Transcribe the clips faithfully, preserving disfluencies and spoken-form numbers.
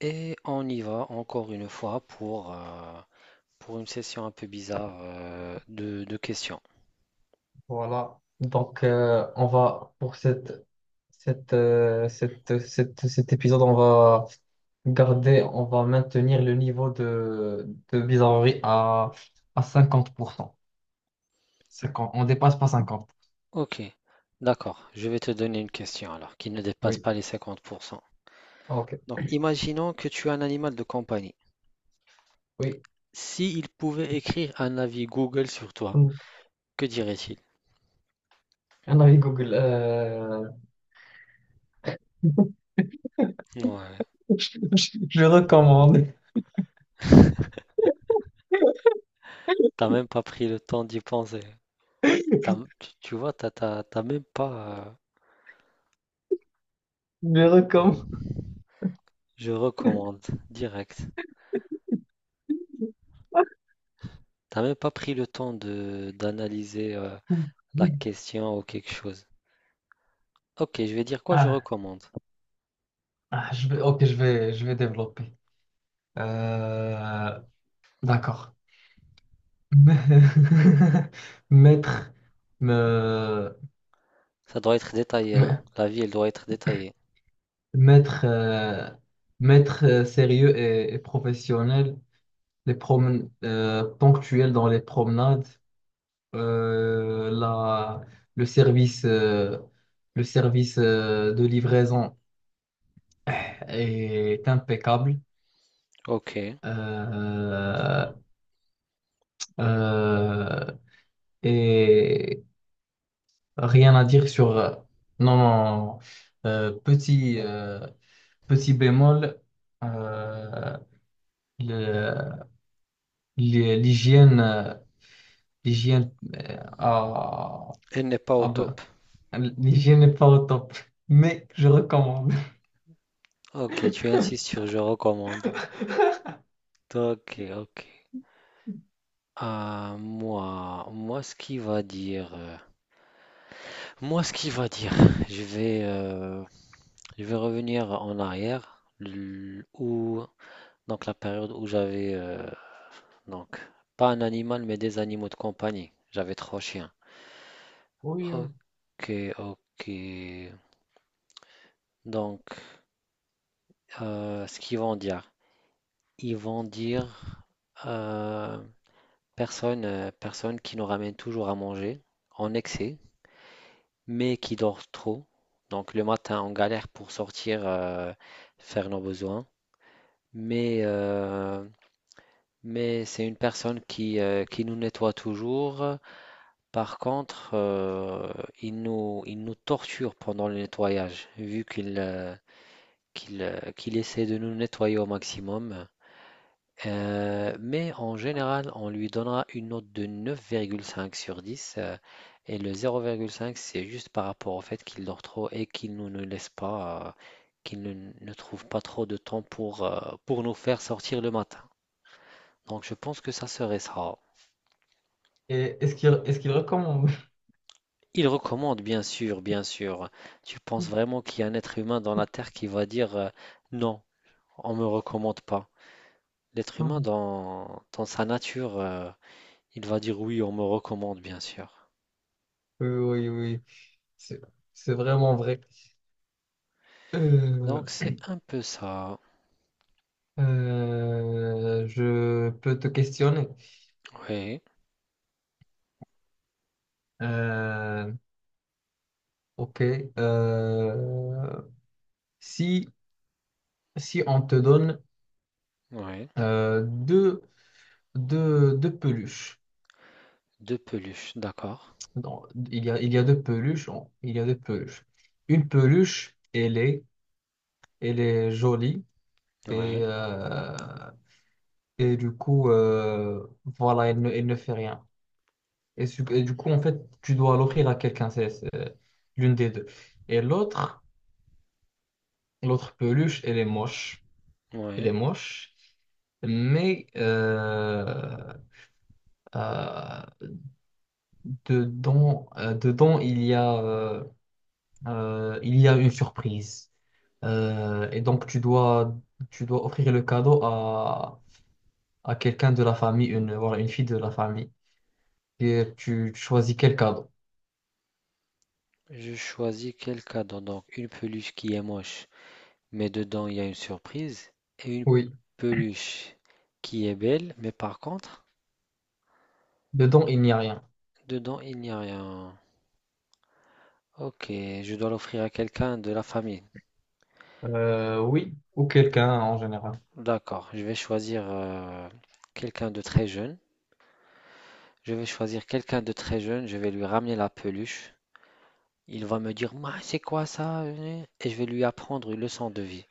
Et on y va encore une fois pour, euh, pour une session un peu bizarre euh, de, de questions. Voilà. Donc, euh, on va, pour cette, cette, euh, cette, cette- cet épisode, on va garder, on va maintenir le niveau de, de bizarrerie à, à cinquante pour cent. Cinquante. On dépasse pas cinquante. Ok, d'accord. Je vais te donner une question alors qui ne dépasse Oui. pas les cinquante pour cent. Ok. Donc, imaginons que tu es un animal de compagnie. Oui. S'il pouvait écrire un avis Google sur toi, Mm. que dirait-il? Un avis Google. euh, Ouais, je, je recommande. t'as même pas pris le temps d'y penser. T'as- tu, tu vois, t'as, t'as- t'as même pas. euh, Je recommande. Je recommande direct. T'as même pas pris le temps de d'analyser euh, la question ou quelque chose. Ok, je vais dire quoi je Ah, recommande. ah, je vais, ok, je vais, je vais développer. Euh, d'accord. mettre me- Ça doit être détaillé, hein. me- La vie, elle doit être détaillée. mettre euh, maître euh, sérieux et, et professionnel, les promen euh, ponctuels dans les promenades, euh, la, le service, euh, le service euh, de livraison est impeccable. Ok. Elle Euh, euh, et rien à dire sur, non, non, non. Euh, petit. euh, Petit bémol, euh, le- l'hy- l'hygiène, euh, l'hygiène, euh, ah, n'est pas au ah ben, top. l'hygiène n'est pas au top, mais je recommande. Ok, tu insistes sur je recommande. Ok, ok. Ah, moi, moi, ce qui va dire, euh, moi, ce qui va dire, je vais, euh, je vais revenir en arrière, l- où, donc la période où j'avais, euh, donc, pas un animal, mais des animaux de compagnie. J'avais trois chiens. Oui, oui. Ok, ok. Donc, Euh, ce qu'ils vont dire. Ils vont dire euh, personne, euh, personne qui nous ramène toujours à manger en excès, mais qui dort trop. Donc le matin, on galère pour sortir, euh, faire nos besoins. Mais, euh, mais c'est une personne qui, euh, qui nous nettoie toujours. Par contre, euh, il nous, il nous torture pendant le nettoyage, vu qu'il euh, qu'il, euh, qu'il essaie de nous nettoyer au maximum. Heu, mais en général, on lui donnera une note de neuf virgule cinq sur dix, heu, et le zéro virgule cinq, c'est juste par rapport au fait qu'il dort trop et qu'il ne nous ne laisse pas, heu, qu'il ne ne trouve pas trop de temps pour, heu, pour nous faire sortir le matin. Donc je pense que ça serait ça. Et est-ce qu'il est-ce qu'il recommande? Il recommande bien sûr, bien sûr. Tu penses vraiment qu'il y a un être humain dans la terre qui va dire, heu: «Non, on me recommande pas». L'être Ah. humain dans dans sa nature, heu, il va dire: «Oui, on me recommande», bien sûr. Oui, oui, oui, c'est c'est vraiment vrai. Euh, Donc c'est un peu ça. euh, je peux te questionner. Oui, Euh, ok. euh, si, Si on te donne oui. euh, deux. deux, deux peluches. Deux peluches, d'accord. Non, il y a, il y a deux peluches. On- il y a deux peluches. Une peluche, elle est, elle est jolie et, Oui, euh, et du coup, euh, voilà, elle ne, elle ne fait rien. Et, su- et du coup, en fait, tu dois l'offrir à quelqu'un, c'est c'est l'une des deux. Et l'autre, l'autre peluche, elle est moche. Elle est oui. moche. Mais euh, euh, dedans, euh, dedans, il y a, euh, Euh, il y a une surprise. Euh, et donc, tu dois, tu dois offrir le cadeau à, à quelqu'un de la famille, une, voilà, une fille de la famille. Et tu choisis quel cadeau. Je choisis quel cadeau? Donc une peluche qui est moche, mais dedans il y a une surprise, et une Oui. peluche qui est belle, mais par contre, Dedans, il n'y a rien. dedans il n'y a rien. Ok, je dois l'offrir à quelqu'un de la famille. Euh, oui, ou quelqu'un en général. D'accord, je vais choisir euh, quelqu'un de très jeune. Je vais choisir quelqu'un de très jeune, je vais lui ramener la peluche. Il va me dire: «Ma, c'est quoi ça?» euh?» et je vais lui apprendre une leçon de vie.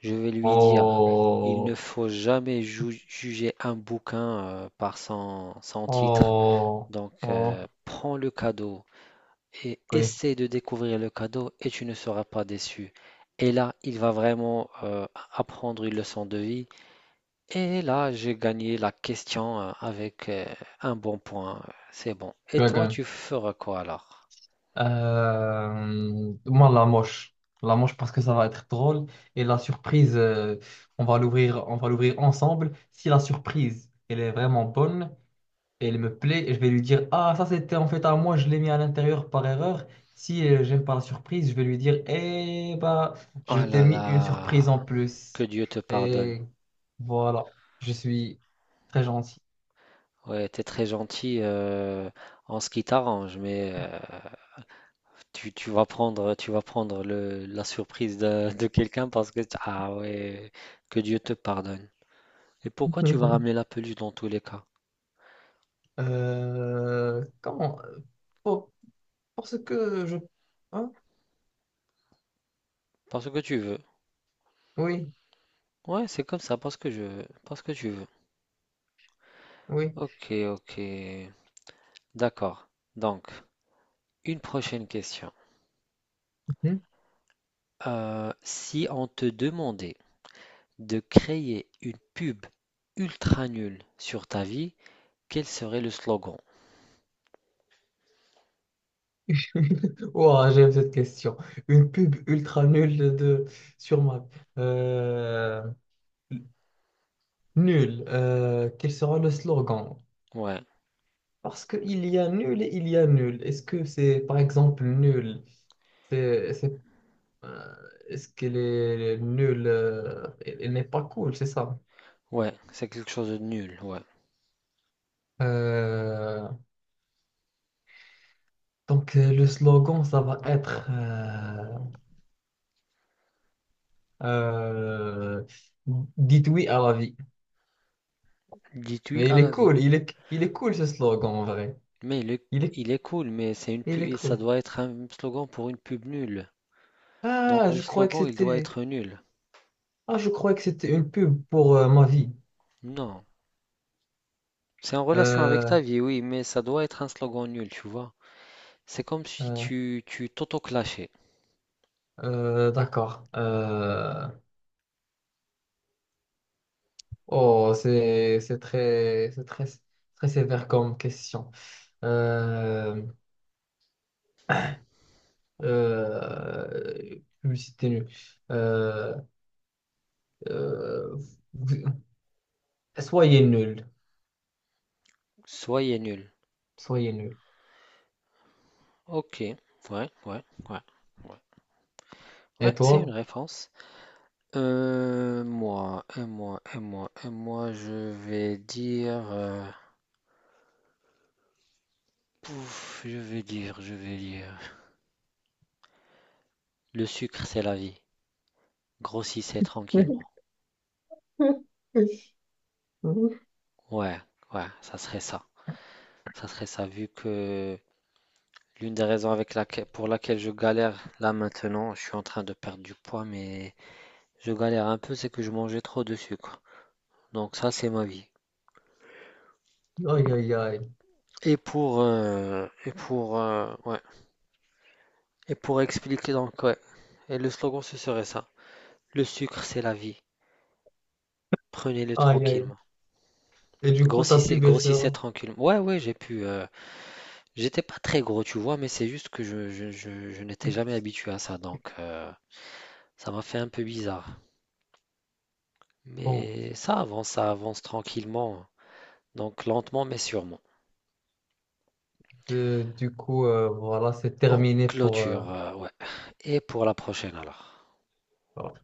Je vais lui dire: «Il Oh, ne faut jamais ju- juger un bouquin euh, par son, son titre. oh, Donc, euh, oh, prends le cadeau et oui, essaie de découvrir le cadeau et tu ne seras pas déçu.» Et là, il va vraiment euh, apprendre une leçon de vie. Et là, j'ai gagné la question euh, avec euh, un bon point. C'est bon. Et tu as toi, gagné. tu feras quoi alors? Euh, moi, la moche. La moche parce que ça va être drôle. Et la surprise, euh, on va l'ouvrir, on va l'ouvrir ensemble. Si la surprise, elle est vraiment bonne, elle me plaît, je vais lui dire: «Ah, ça c'était en fait à moi, je l'ai mis à l'intérieur par erreur.» Si euh, j'aime pas la surprise, je vais lui dire: «Eh bah, Oh je t'ai là mis une surprise en là. Que plus.» Dieu te pardonne. Et voilà, je suis très gentil. Ouais, t'es très gentil euh, en ce qui t'arrange, mais euh, tu, tu vas prendre, tu vas prendre le, la surprise de, de quelqu'un parce que, ah ouais, que Dieu te pardonne. Et pourquoi tu vas ramener la peluche dans tous les cas? Euh, comment? euh, Pour- Parce que je... hein. Parce que tu veux. Oui, Ouais, c'est comme ça, parce que je veux, parce que tu veux. oui. Ok, ok. D'accord. Donc, une prochaine question. Mhm. Euh, si on te demandait de créer une pub ultra nulle sur ta vie, quel serait le slogan? Ouah, j'aime cette question. Une pub ultra nulle de sur Mac. Euh, Nul. Euh, quel sera le slogan? Ouais, Parce qu'il y a nul et il y a nul. Est-ce que c'est, par exemple, nul? C'est, c'est, euh, Est-ce qu'elle est nulle? Euh, elle elle n'est pas cool, c'est ça. ouais, c'est quelque chose de nul, ouais. Euh, donc euh, le slogan, ça va être, euh, euh, dites oui à la vie. Détruis Mais à il est la vie. cool, il est, il est cool ce slogan en vrai. Mais il est, Il est, il est cool, mais c'est une il pub, est ça cool. doit être un slogan pour une pub nulle. Donc Ah, le je croyais que slogan, il doit c'était, être nul. ah, je croyais que c'était une pub pour euh, ma vie. Non. C'est en relation avec Euh, ta vie, oui, mais ça doit être un slogan nul, tu vois. C'est comme si euh, tu, tu t'auto-clashais. euh, d'accord. Euh, oh, c'est, c'est très, c'est très, très sévère comme question. Euh, euh, Publicité nulle. Euh, euh, vous- Soyez nul, Soyez nul. soyez nul. Ok. Ouais, ouais, ouais, ouais. Ouais, Et c'est une toi? réponse. Euh, moi, et moi, et moi, et moi, je vais dire... euh, Pouf, je vais dire, je vais dire. Le sucre, c'est la vie. Grossissez tranquillement. Ouais, ouais, ça serait ça. Ça serait ça, vu que l'une des raisons avec laquelle, pour laquelle je galère là maintenant, je suis en train de perdre du poids, mais je galère un peu, c'est que je mangeais trop de sucre. Donc ça, c'est ma vie. Aïe, aïe, aïe. Et pour, euh, et pour, euh, ouais. Et pour expliquer donc, ouais. Et le slogan, ce serait ça. Le sucre, c'est la vie. Prenez-le Aïe, aïe. tranquillement. Et du coup, t'as pu Grossissez, baisser, grossissez hein. tranquillement. Ouais, ouais, j'ai pu, euh, J'étais pas très gros, tu vois, mais c'est juste que je, je- je- je n'étais jamais habitué à ça, donc euh, ça m'a fait un peu bizarre. Bon, Mais ça avance, ça avance tranquillement, donc lentement mais sûrement. euh, du coup, euh, voilà, c'est En terminé pour. Euh, clôture, euh, ouais. Et pour la prochaine alors. Voilà.